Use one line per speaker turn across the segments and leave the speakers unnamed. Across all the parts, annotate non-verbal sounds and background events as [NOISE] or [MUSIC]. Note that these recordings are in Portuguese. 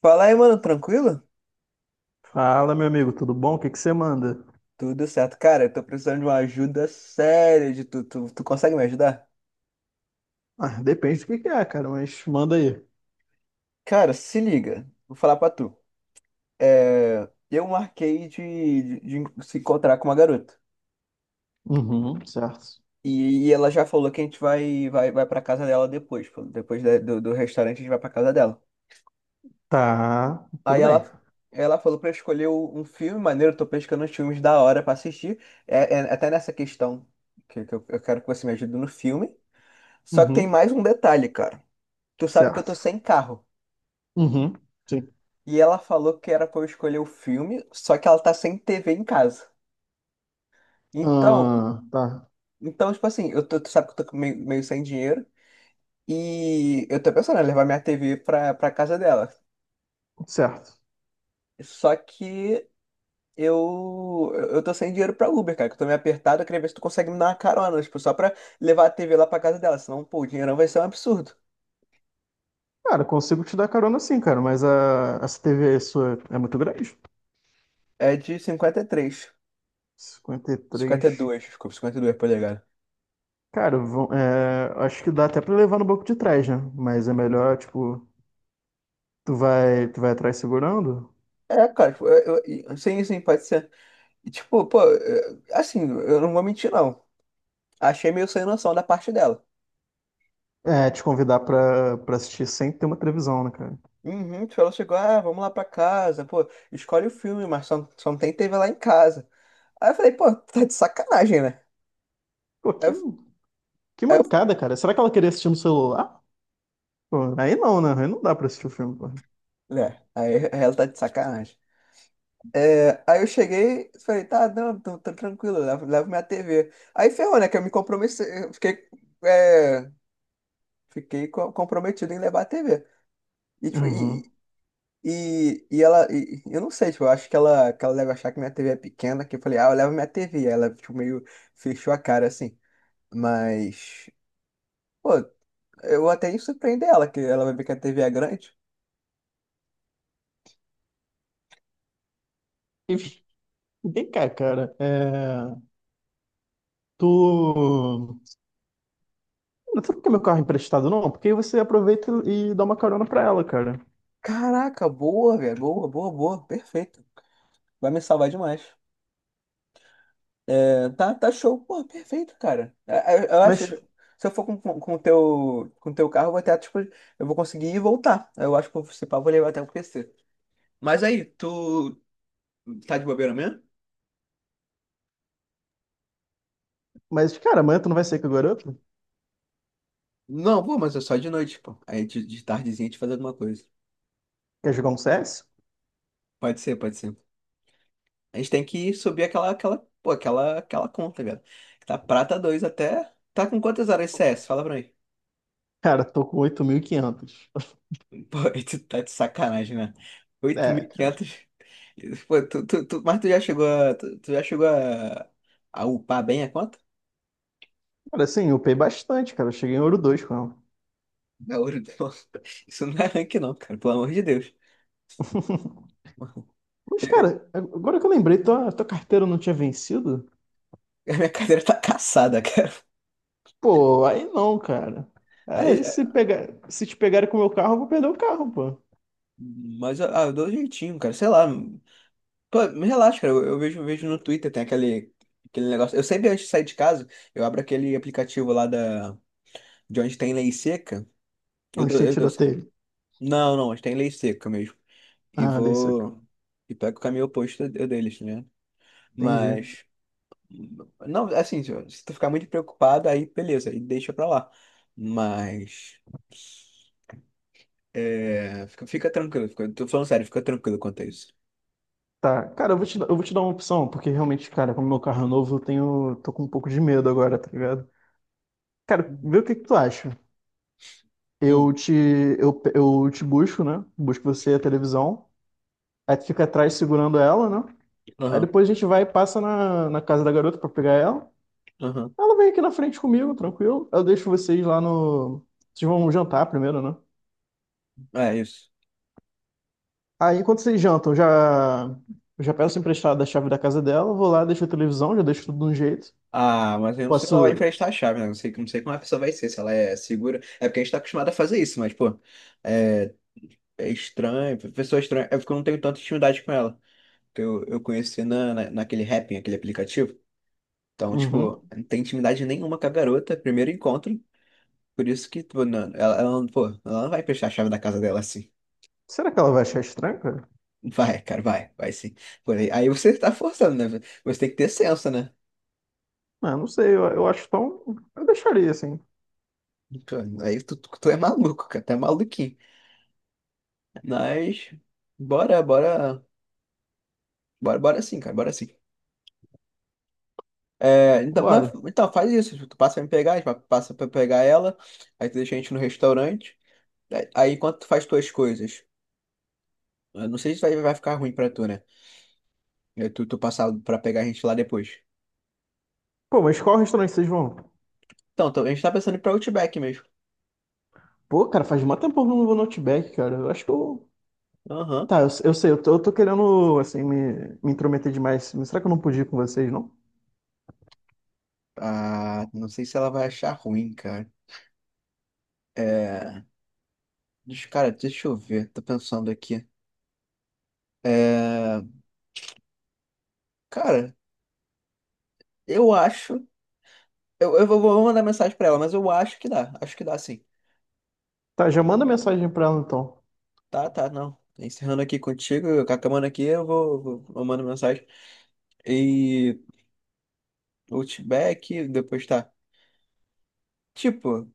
Fala aí, mano, tranquilo?
Fala, meu amigo, tudo bom? O que que você manda?
Tudo certo. Cara, eu tô precisando de uma ajuda séria de tu. Tu consegue me ajudar?
Ah, depende do que é, cara, mas manda aí.
Cara, se liga. Vou falar pra tu. Eu marquei de se encontrar com uma garota.
Uhum, certo.
E ela já falou que a gente vai pra casa dela depois. Pô. Depois do restaurante, a gente vai pra casa dela.
Tá,
Aí
tudo bem.
ela, ela falou pra eu escolher um filme maneiro. Eu tô pescando uns filmes da hora pra assistir. É até nessa questão que eu quero que você me ajude no filme. Só que tem
Uhum,
mais um detalhe, cara. Tu sabe que eu tô
certo.
sem carro.
Uhum, sim.
E ela falou que era pra eu escolher o filme, só que ela tá sem TV em casa. Então,
Ah, tá.
então tipo assim, eu tô, tu sabe que eu tô meio sem dinheiro. E eu tô pensando em levar minha TV pra casa dela.
Certo.
Só que eu tô sem dinheiro pra Uber, cara, que eu tô meio apertado. Eu queria ver se tu consegue me dar uma carona, tipo, só pra levar a TV lá pra casa dela. Senão, pô, o dinheirão vai ser um absurdo.
Cara, consigo te dar carona sim, cara, mas a, essa TV aí sua é muito grande.
É de 53.
Cinquenta e três?
52, desculpa, 52 polegadas.
Cara, vão, é, acho que dá até pra levar no banco de trás, né? Mas é melhor, tipo, tu vai atrás segurando?
Cara, tipo, sim, pode ser. E, tipo, pô, assim, eu não vou mentir, não. Achei meio sem noção da parte dela.
É, te convidar pra assistir sem ter uma televisão, né, cara?
Uhum, tipo, ela chegou, ah, vamos lá pra casa, pô, escolhe o filme, mas só não tem TV lá em casa. Aí eu falei, pô, tá de sacanagem, né?
Pô,
Aí
que.
eu,
Que
aí
mancada, cara. Será que ela queria assistir no celular? Ah. Pô, aí não, né? Aí não dá pra assistir o filme, pô.
né? Aí [LAUGHS] ela tá de sacanagem. Aí eu cheguei, falei, tá, não, tô tranquilo, levo minha TV. Aí ferrou, né, que eu me comprometi, é, fiquei comprometido em levar a TV.
Uhum.
E ela, eu não sei, tipo, eu acho que ela deve achar que minha TV é pequena, que eu falei, ah, eu levo minha TV. Ela, tipo, meio fechou a cara assim. Mas, pô, eu até ia surpreender ela, que ela vai ver que a TV é grande.
E vem cá, cara. É... Tu. Não sei por que meu carro é emprestado, não. Porque aí você aproveita e dá uma carona pra ela, cara.
Caraca, boa, velho, boa, boa, boa, perfeito. Vai me salvar demais. Tá, tá show, pô, perfeito, cara. Eu acho,
Mas,
se eu for com o teu carro, eu vou até, tipo, eu vou conseguir ir e voltar. Eu acho que, se pá, eu vou levar até o PC. Mas aí, tu tá de bobeira mesmo?
mas cara, amanhã tu não vai sair com a garota?
Não, pô, mas é só de noite, pô. Aí de tardezinha a gente faz alguma coisa.
Quer jogar um CS?
Pode ser, pode ser. A gente tem que subir aquela conta, velho. Tá prata 2 até. Tá com quantas horas de CS? Fala pra mim.
Cara, tô com 8.500.
[LAUGHS] Pô, aí tu tá de sacanagem, né?
É, cara.
8.500. Pô, tu, mas tu, tu já chegou a upar bem a conta?
Cara, assim, eu upei bastante, cara. Eu cheguei em ouro 2, com ela.
Da ouro, não. [LAUGHS] Isso não é rank, não, cara, pelo amor de Deus. [LAUGHS]
Mas, cara, agora que eu lembrei, tua carteira não tinha vencido?
A minha cadeira tá caçada, [LAUGHS] cara.
Pô, aí não, cara.
Mas,
Aí se pegar, se te pegarem com o meu carro, eu vou perder o carro, pô.
eu dou um jeitinho, cara. Sei lá. Pô, relaxa, cara. Eu vejo um vídeo no Twitter, tem aquele negócio. Eu sempre antes de sair de casa, eu abro aquele aplicativo lá de onde tem lei seca. Eu
Onde
dou,
tem
eu dou-
tiroteio?
não, não, onde tem lei seca mesmo. E
Ah, dei soco.
vou. E pego o caminho oposto deles, né?
Entendi.
Mas. Não, assim, se tu ficar muito preocupado, aí beleza, aí deixa pra lá. Mas. Fica tranquilo, fica, tô falando sério, fica tranquilo quanto a isso.
Tá, cara, eu vou te dar uma opção, porque realmente, cara, como meu carro é novo, tô com um pouco de medo agora, tá ligado? Cara,
Uhum.
vê o que que tu acha.
Hum.
Eu te, eu te busco, né? Busco você e a televisão. Aí tu fica atrás segurando ela, né? Aí
Aham,
depois a gente vai e passa na casa da garota pra pegar ela.
aham.
Ela vem aqui na frente comigo, tranquilo. Eu deixo vocês lá no. Vocês vão jantar primeiro, né?
É isso.
Aí, enquanto vocês jantam, já peço emprestado a chave da casa dela, vou lá, deixo a televisão, já deixo tudo de um jeito.
Ah, mas eu não sei lá vai
Posso.
emprestar a chave, né? Não sei, não sei como a pessoa vai ser, se ela é segura. É porque a gente tá acostumado a fazer isso, mas, pô, é, é estranho, pessoa estranha. É porque eu não tenho tanta intimidade com ela. Que eu conheci naquele Happn, aquele aplicativo. Então,
Uhum.
tipo, não tem intimidade nenhuma com a garota, primeiro encontro. Por isso que, pô, não, ela não vai emprestar a chave da casa dela assim.
Será que ela vai achar estranho, cara?
Vai, cara, vai, vai sim. Pô, aí você tá forçando, né? Você tem que ter senso, né?
Ah, não sei, eu acho tão. Eu deixaria assim.
Pô, tu é maluco, cara, tu é maluquinho. Mas bora, bora, bora, bora sim, cara, bora sim. Então,
Bora.
então faz isso, tu passa pra me pegar, a gente passa pra pegar ela, aí tu deixa a gente no restaurante, aí enquanto tu faz tuas coisas, eu não sei se vai ficar ruim pra tu, né? Tu passar pra pegar a gente lá depois.
Pô, mas qual restaurante vocês vão?
Então, a gente tá pensando em ir pra Outback mesmo.
Pô, cara, faz mó tempo que eu não vou no Outback, cara. Eu acho que eu.
Aham.
Tá, eu sei, eu tô querendo, assim, me intrometer demais. Mas será que eu não podia ir com vocês, não?
Ah, não sei se ela vai achar ruim, cara. É, cara, deixa eu ver, tô pensando aqui. É, cara, eu acho. Eu vou mandar mensagem pra ela, mas eu acho que dá. Acho que dá sim.
Tá, já manda mensagem pra ela então.
Tá, tá, não. Encerrando aqui contigo, com a câmera aqui, eu mando mensagem. E Outback, depois tá. Tipo,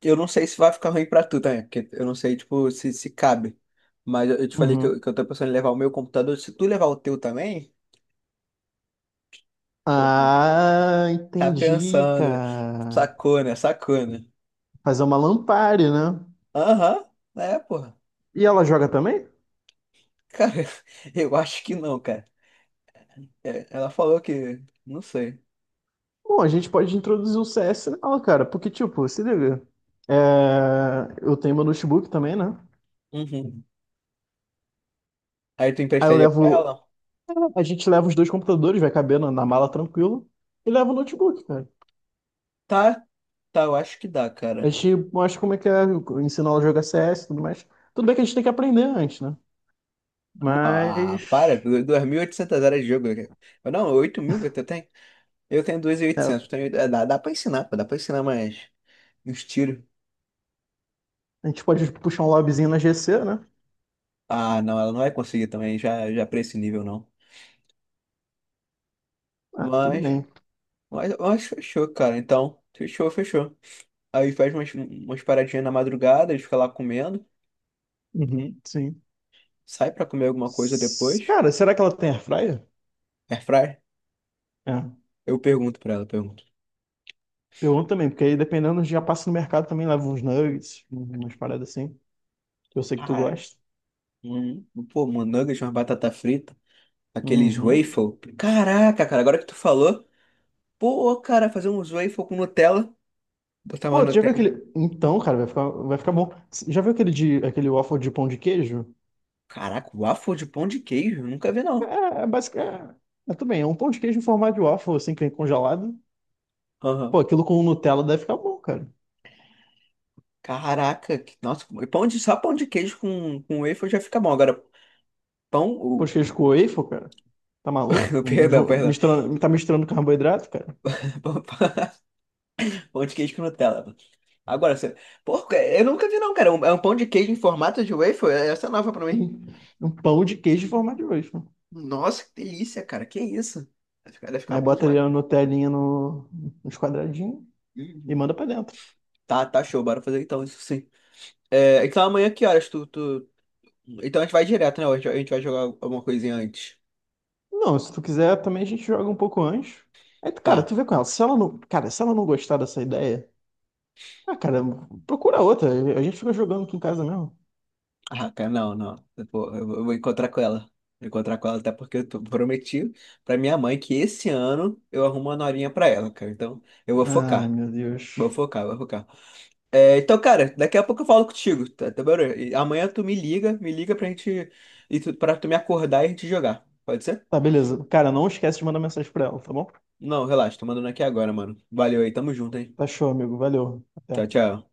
eu não sei se vai ficar ruim pra tu também, porque eu não sei, tipo, se cabe. Mas eu te falei
Uhum.
que eu tô pensando em levar o meu computador. Se tu levar o teu também, deixa eu ver.
Ah,
Tá
entendi,
pensando.
cara.
Sacou, né? Sacou, né?
Fazer uma Lampari, né?
Aham, é, porra.
E ela joga também?
Cara, [LAUGHS] eu acho que não, cara. É, ela falou que. Não sei.
Bom, a gente pode introduzir o CS nela, cara. Porque, tipo, se liga. É, eu tenho meu notebook também, né?
Uhum. Aí tu
Aí eu
emprestaria pra
levo.
ela?
A gente leva os dois computadores, vai caber na mala tranquilo. E leva o notebook, cara.
Tá, tá, eu acho que dá,
A
cara.
gente mostra como é que é, ensina ela a jogar CS e tudo mais. Tudo bem que a gente tem que aprender antes, né?
Não, ah, para,
Mas.
2.800 horas de jogo, cara. Eu Não, 8.000 que eu tenho. Eu tenho
É,
2.800. Tenho, é, dá pra ensinar, pô, dá pra ensinar mais uns tiros.
a gente pode puxar um lobbyzinho na GC, né?
Ah, não, ela não vai conseguir também, já pra esse nível, não.
Ah, tudo
Mas,
bem.
mas fechou, cara. Então, fechou, fechou. Aí faz umas paradinhas na madrugada, a gente fica lá comendo.
Uhum, sim.
Sai pra comer alguma coisa
S-
depois.
Cara, será que ela tem airfryer?
Airfryer?
É.
Eu pergunto pra ela, pergunto.
Pergunto também, porque aí dependendo, já passa no mercado também, leva uns nuggets, umas paradas assim, que eu sei que tu
Cara.
gosta.
Uhum. Pô, um nuggets, uma batata frita, aqueles
Uhum.
waffle. Caraca, cara, agora que tu falou, pô, cara, fazer uns waffle com Nutella, botar uma
Pô, tu já viu
Nutelinha.
aquele. Então, cara, vai ficar bom. Já viu aquele, de, aquele waffle de pão de queijo?
Caraca, waffle de pão de queijo, nunca vi não.
É, é basicamente. É, é tudo bem, é um pão de queijo em formato de waffle, assim, que vem congelado. Pô,
Aham.
aquilo com Nutella deve ficar bom, cara.
Caraca, nossa, e pão de, só pão de queijo com waffle já fica bom. Agora, pão,
Pão de
o,
queijo com waffle, cara. Tá maluco?
[LAUGHS]
Um-
perdão,
ju-
perdão,
Misturando, tá misturando carboidrato, cara?
pão, [LAUGHS] pão de queijo com Nutella. Agora, você, pô, é, eu nunca vi não, cara. É um pão de queijo em formato de waffle. É, essa é nova pra mim.
Um, um pão de queijo em formato de waffle.
Nossa, que delícia, cara, que isso? Vai ficar
Aí
bom
bota ali
demais.
a Nutellinha no, nos quadradinhos e
Uhum.
manda pra dentro.
Tá, tá show, bora fazer então isso sim. É, então amanhã que horas tu. Então a gente vai direto, né? A gente vai jogar alguma coisinha antes.
Não, se tu quiser, também a gente joga um pouco antes. Aí, tu- cara,
Tá.
tu vê com ela. Se ela não, cara, se ela não gostar dessa ideia, ah, cara, procura outra. A gente fica jogando aqui em casa mesmo.
Ah, cara, não, não. Eu vou encontrar com ela. Vou encontrar com ela, até porque eu prometi pra minha mãe que esse ano eu arrumo uma norinha pra ela, cara. Então eu vou
Ai,
focar.
meu
Vou
Deus.
focar, vou focar. É, então, cara, daqui a pouco eu falo contigo, tá bom? E amanhã tu me liga pra gente, pra tu me acordar e a gente jogar. Pode ser?
Tá, beleza. Cara, não esquece de mandar mensagem pra ela, tá bom?
Não, relaxa, tô mandando aqui agora, mano. Valeu aí, tamo junto, hein?
Tá show, amigo. Valeu. Até.
Tchau, tchau.